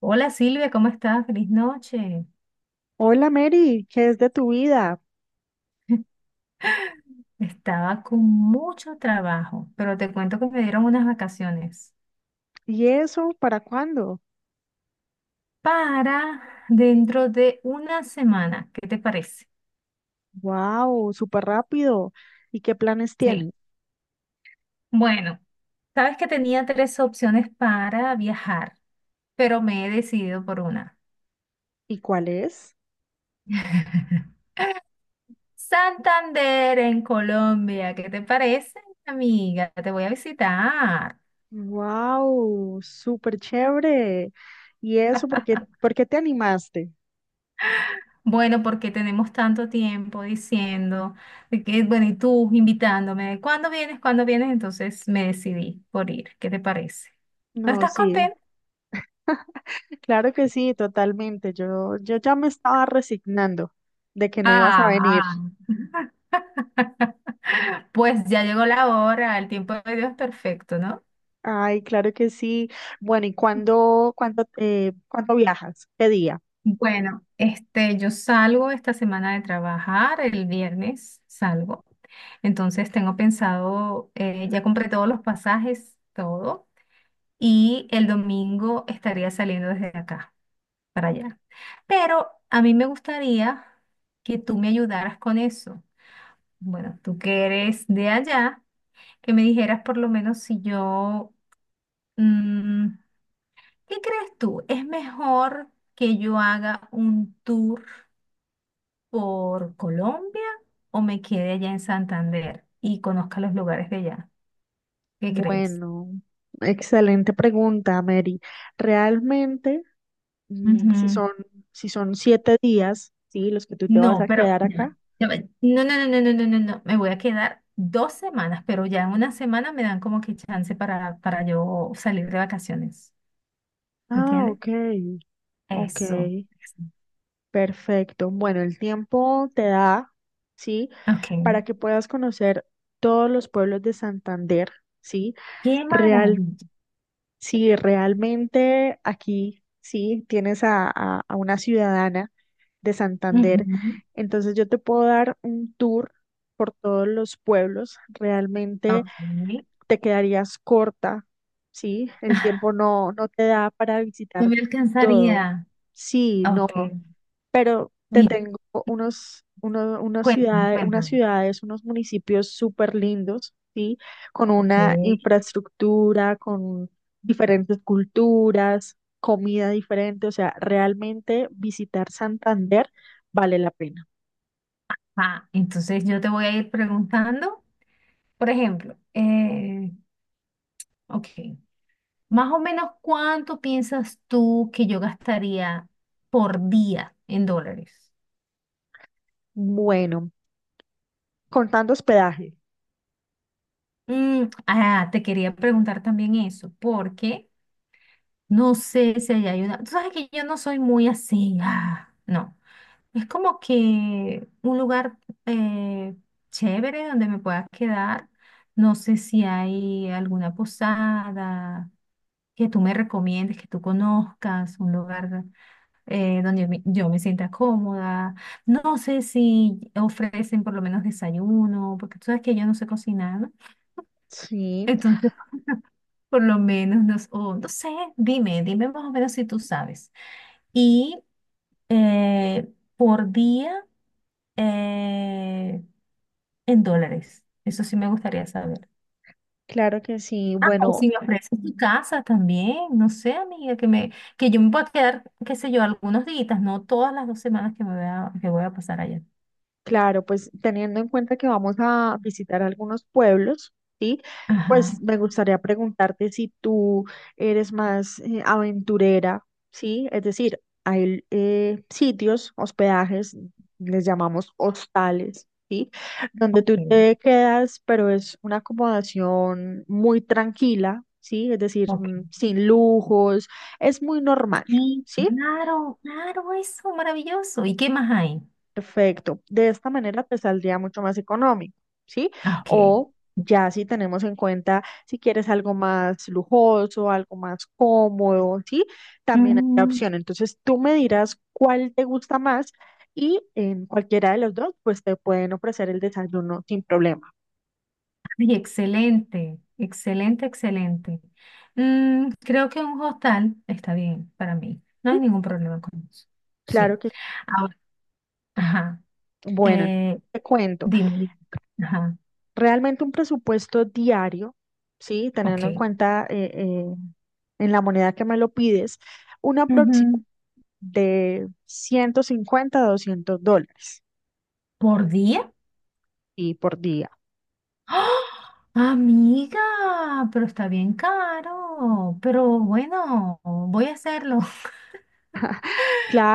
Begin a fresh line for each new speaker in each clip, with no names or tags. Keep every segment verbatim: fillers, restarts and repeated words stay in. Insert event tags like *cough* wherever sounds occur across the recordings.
Hola Silvia, ¿cómo estás? Feliz noche.
Hola Mary, ¿qué es de tu vida?
Estaba con mucho trabajo, pero te cuento que me dieron unas vacaciones
¿Y eso para cuándo?
para dentro de una semana. ¿Qué te parece?
¡Wow! Súper rápido. ¿Y qué planes
Sí.
tienes?
Bueno, sabes que tenía tres opciones para viajar, pero me he decidido por una.
¿Y cuál es?
*laughs* Santander en Colombia, ¿qué te parece, amiga? Te voy a visitar.
¡Wow! Súper chévere. ¿Y eso por qué, por qué te animaste?
Bueno, porque tenemos tanto tiempo diciendo de que, bueno, y tú invitándome, ¿cuándo vienes? ¿Cuándo vienes? Entonces me decidí por ir. ¿Qué te parece? ¿No
No,
estás
sí,
contenta?
*laughs* claro que sí, totalmente. Yo, yo ya me estaba resignando de que no ibas a venir.
Ah, ah. *laughs* Pues ya llegó la hora, el tiempo de Dios es perfecto, ¿no?
Ay, claro que sí. Bueno, ¿y cuándo, cuándo, eh, cuándo viajas? ¿Qué día?
Bueno, este, yo salgo esta semana de trabajar, el viernes salgo. Entonces tengo pensado, eh, ya compré todos los pasajes, todo, y el domingo estaría saliendo desde acá para allá. Pero a mí me gustaría que tú me ayudaras con eso. Bueno, tú que eres de allá, que me dijeras por lo menos si yo, mm, ¿qué crees tú? ¿Es mejor que yo haga un tour por Colombia o me quede allá en Santander y conozca los lugares de allá? ¿Qué crees?
Bueno, excelente pregunta, Mary. Realmente, mm, si son, si son siete días, ¿sí? Los que tú te vas
No,
a
pero
quedar acá.
no, me- no, no, no, no, no, no, no, me voy a quedar dos semanas, pero ya en una semana me dan como que chance para, para yo salir de vacaciones,
Ah,
¿entiendes?
ok, ok,
Eso.
perfecto. Bueno, el tiempo te da, ¿sí?
Ok.
Para que puedas conocer todos los pueblos de Santander, ¿sí?
Qué
Real.
maravilla.
Si realmente aquí, sí, tienes a, a- a una ciudadana de Santander,
Ujú.
entonces yo te puedo dar un tour por todos los pueblos. Realmente
Ok.
te quedarías corta, sí, el tiempo
*laughs*
no, no te da para
No
visitar
me
todo.
alcanzaría.
Sí,
Ok.
no, pero te
Mira,
tengo unos, uno- unas
cuéntame,
ciudades, unas
cuéntame.
ciudades, unos municipios súper lindos, ¿sí? Con
Ok.
una infraestructura, con diferentes culturas, comida diferente, o sea, realmente visitar Santander vale la pena.
Ah, entonces yo te voy a ir preguntando, por ejemplo, eh, ok. Más o menos, ¿cuánto piensas tú que yo gastaría por día en dólares?
Bueno, contando hospedaje.
Mm, ah, te quería preguntar también eso, porque no sé si hay ayuda. Tú sabes que yo no soy muy así, ah, no. Es como que un lugar eh, chévere donde me pueda quedar. No sé si hay alguna posada que tú me recomiendes, que tú conozcas, un lugar eh, donde me- yo me sienta cómoda. No sé si ofrecen por lo menos desayuno, porque tú sabes que yo no sé cocinar, ¿no?
Sí,
Entonces, *laughs* por lo menos, no, s- o no sé, dime, dime más o menos si tú sabes. Y eh, por día, eh, en dólares. Eso sí me gustaría saber.
claro que sí.
Ah, o
Bueno,
si me ofreces tu casa también, no sé, amiga, que me, que yo me pueda quedar, qué sé yo, algunos días, no todas las dos semanas que me voy a, que voy a pasar allá.
claro, pues teniendo en cuenta que vamos a visitar algunos pueblos, ¿sí? Pues
Ajá.
me gustaría preguntarte si tú eres más eh, aventurera, ¿sí? Es decir, hay eh, sitios, hospedajes, les llamamos hostales, ¿sí? Donde tú
Ok.
te quedas, pero es una acomodación muy tranquila, ¿sí? Es decir,
Ok.
mm, sin lujos, es muy normal,
Sí,
¿sí?
claro, claro, eso, maravilloso. ¿Y qué más hay?
Perfecto. De esta manera te saldría mucho más económico, ¿sí?
Ah, ok.
O ya si tenemos en cuenta si quieres algo más lujoso, algo más cómodo, ¿sí? También hay la
Mm,
opción. Entonces tú me dirás cuál te gusta más y en cualquiera de los dos, pues te pueden ofrecer el desayuno sin problema.
Ay, excelente, excelente, excelente. Mm, creo que un hostal está bien para mí. No
¿Sí?
hay ningún problema con eso. Sí.
Claro que
Ahora, ajá.
sí. Bueno,
eh,
Te cuento.
Dime, dime. Ajá.
Realmente un presupuesto diario, ¿sí? Teniendo en
Ok.
cuenta eh, eh, en la moneda que me lo pides, un aproximado
Ujú.
de ciento cincuenta a doscientos dólares
¿Por día?
y por día.
¡Ah! Amiga, pero está bien caro. Pero bueno, voy a hacerlo.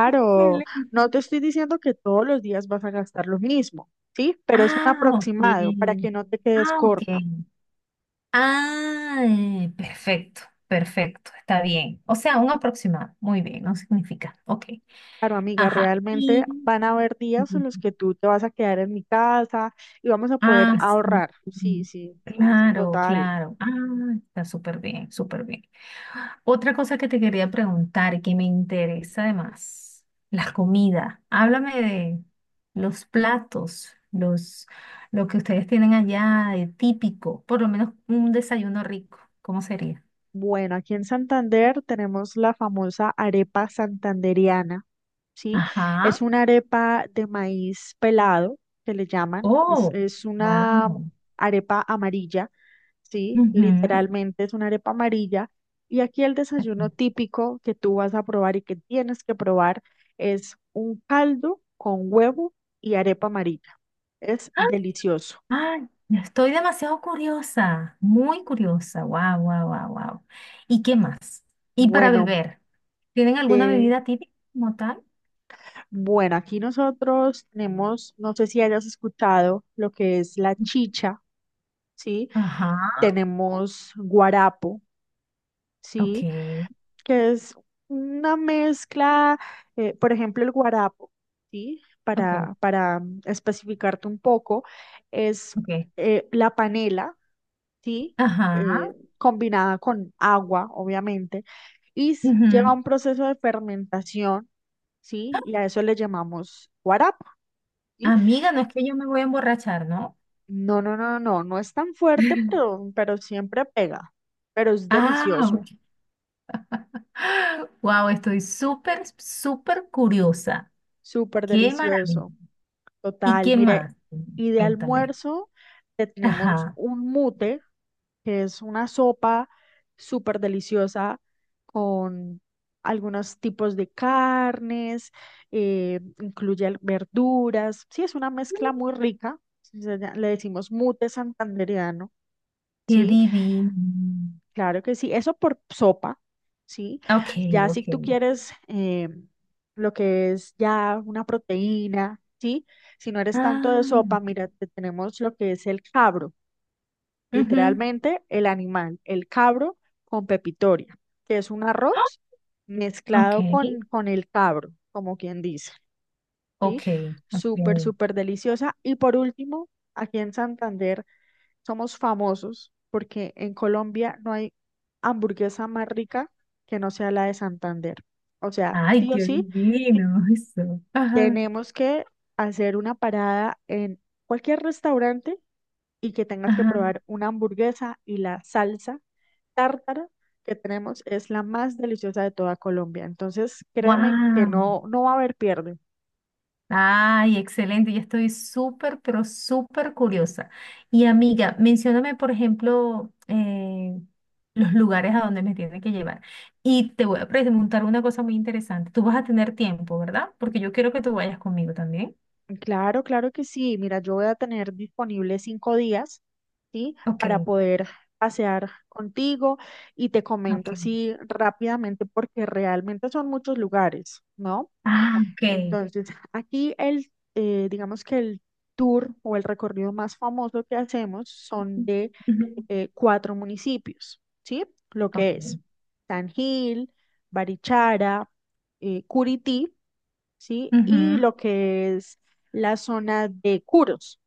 *laughs*
no
Excelente.
te estoy diciendo que todos los días vas a gastar lo mismo, ¿sí? Pero es un
Ah,
aproximado para
ok.
que no te quedes
Ah, ok.
corta.
Ah, eh, perfecto, perfecto, está bien. O sea, un aproximado. Muy bien, no significa. Ok.
Claro, amiga,
Ajá.
realmente
Y
van a haber días en los que tú te vas a quedar en mi casa y vamos a poder
ah, sí.
ahorrar. Sí, sí,
Claro,
total.
claro. Ah, está súper bien, súper bien. Otra cosa que te quería preguntar y que me interesa además, la comida. Háblame de los platos, los, lo que ustedes tienen allá de típico, por lo menos un desayuno rico. ¿Cómo sería?
Bueno, aquí en Santander tenemos la famosa arepa santanderiana, ¿sí?
Ajá.
Es una arepa de maíz pelado, que le llaman. Es,
Oh,
es una
wow.
arepa amarilla, ¿sí? Literalmente es una arepa amarilla. Y aquí el desayuno típico que tú vas a probar y que tienes que probar es un caldo con huevo y arepa amarilla. Es delicioso.
Ay, estoy demasiado curiosa, muy curiosa. Wow, wow, wow, wow. ¿Y qué más? ¿Y para
Bueno,
beber? ¿Tienen alguna bebida típica como tal?
Bueno, aquí nosotros tenemos, no sé si hayas escuchado lo que es la chicha, ¿sí?
Ajá,
Tenemos guarapo,
ok,
¿sí? Que es una mezcla, eh, por ejemplo, el guarapo, ¿sí?
ok,
Para, para especificarte un poco, es
ok.
eh, la panela, ¿sí?
Ajá,
Eh, combinada con agua, obviamente, y s- lleva
ujú.
un proceso de fermentación, ¿sí? Y a eso le llamamos guarapo. ¿Sí?
Amiga, no es que yo me voy a emborrachar, ¿no?
No, no, no, no, no es tan fuerte,
*laughs*
pero, pero siempre pega. Pero es
Ah,
delicioso,
wow, estoy súper, súper curiosa.
súper
Qué maravilla.
delicioso.
¿Y
Total,
qué
mire,
más?
y de
Cuéntame.
almuerzo te tenemos
Ajá,
un mute, que es una sopa súper deliciosa con algunos tipos de carnes, eh, incluye al- verduras. Sí, es una mezcla muy rica. se llama- Le decimos mute santandereano,
qué
¿sí?
divino.
Claro que sí, eso por sopa, ¿sí?
Ok,
Ya si
ok.
tú quieres eh, lo que es ya una proteína, ¿sí? Si no eres tanto de
Ah,
sopa, mira, te tenemos lo que es el cabro,
ujú.
literalmente el animal, el cabro con pepitoria, que es un
¡Ah!
arroz
Ok,
mezclado con, con el cabro, como quien dice, ¿sí?
ok,
Súper,
ok.
súper deliciosa. Y por último, aquí en Santander, somos famosos porque en Colombia no hay hamburguesa más rica que no sea la de Santander. O sea,
Ay,
sí o
qué
sí,
divino eso. Ajá,
tenemos que hacer una parada en cualquier restaurante y que tengas que
ajá.
probar una hamburguesa, y la salsa tártara que tenemos es la más deliciosa de toda Colombia. Entonces, créeme que
Wow.
no, no va a haber pierde.
Ay, excelente. Ya estoy súper, pero súper curiosa. Y amiga, mencióname, por ejemplo, eh, los lugares a donde me tienen que llevar. Y te voy a preguntar una cosa muy interesante. Tú vas a tener tiempo, ¿verdad? Porque yo quiero que tú vayas conmigo también.
Claro, claro que sí. Mira, yo voy a tener disponible cinco días, ¿sí?
Ok,
Para poder pasear contigo y te comento
ok.
así rápidamente porque realmente son muchos lugares, ¿no?
Ah, ok.
Entonces, aquí el, eh, digamos que el tour o el recorrido más famoso que hacemos son de
Ujú.
eh, cuatro municipios, ¿sí? Lo que
Ok.
es San Gil, Barichara, eh, Curití, ¿sí? Y
Ujú,
lo que es la zona de Curos,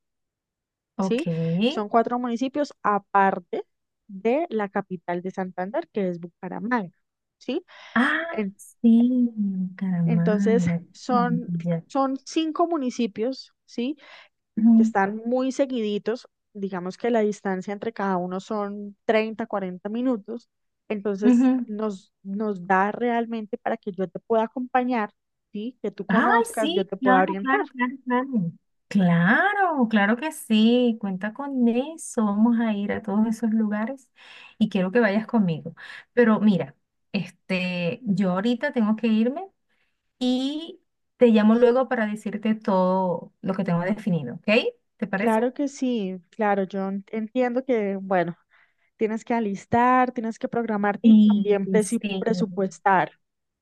ok.
¿sí? Son cuatro municipios aparte de la capital de Santander, que es Bucaramanga, ¿sí?
Ah,
En-
sí,
entonces,
Bucaramanga,
son,
Bucaramanga.
son cinco municipios, ¿sí? Que
Ujú,
están muy seguiditos, digamos que la distancia entre cada uno son treinta, cuarenta minutos, entonces
ujú.
nos, nos da realmente para que yo te pueda acompañar, ¿sí? Que tú
Ay,
conozcas, yo
sí,
te pueda
claro,
orientar.
claro, claro, claro. Claro, claro que sí, cuenta con eso. Vamos a ir a todos esos lugares y quiero que vayas conmigo. Pero mira, este, yo ahorita tengo que irme y te llamo luego para decirte todo lo que tengo definido, ¿ok? ¿Te parece?
Claro que sí, claro, yo en- entiendo que, bueno, tienes que alistar, tienes que programar y
Sí,
también
sí,
presi- presupuestar,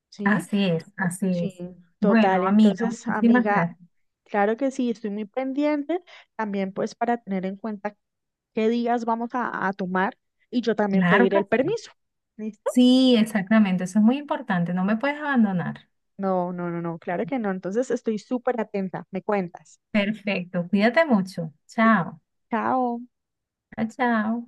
¿sí?
así es, así
Sí,
es. Bueno,
total.
amiga,
Entonces,
muchísimas
amiga,
gracias.
claro que sí, estoy muy pendiente también pues para tener en cuenta qué días vamos a, a tomar y yo también
Claro
pedir
que
el
sí.
permiso, ¿listo?
Sí, exactamente, eso es muy importante, no me puedes abandonar.
No, no, no, no, claro que no. Entonces, estoy súper atenta, me cuentas.
Perfecto, cuídate mucho. Chao.
Chao.
Chao, chao.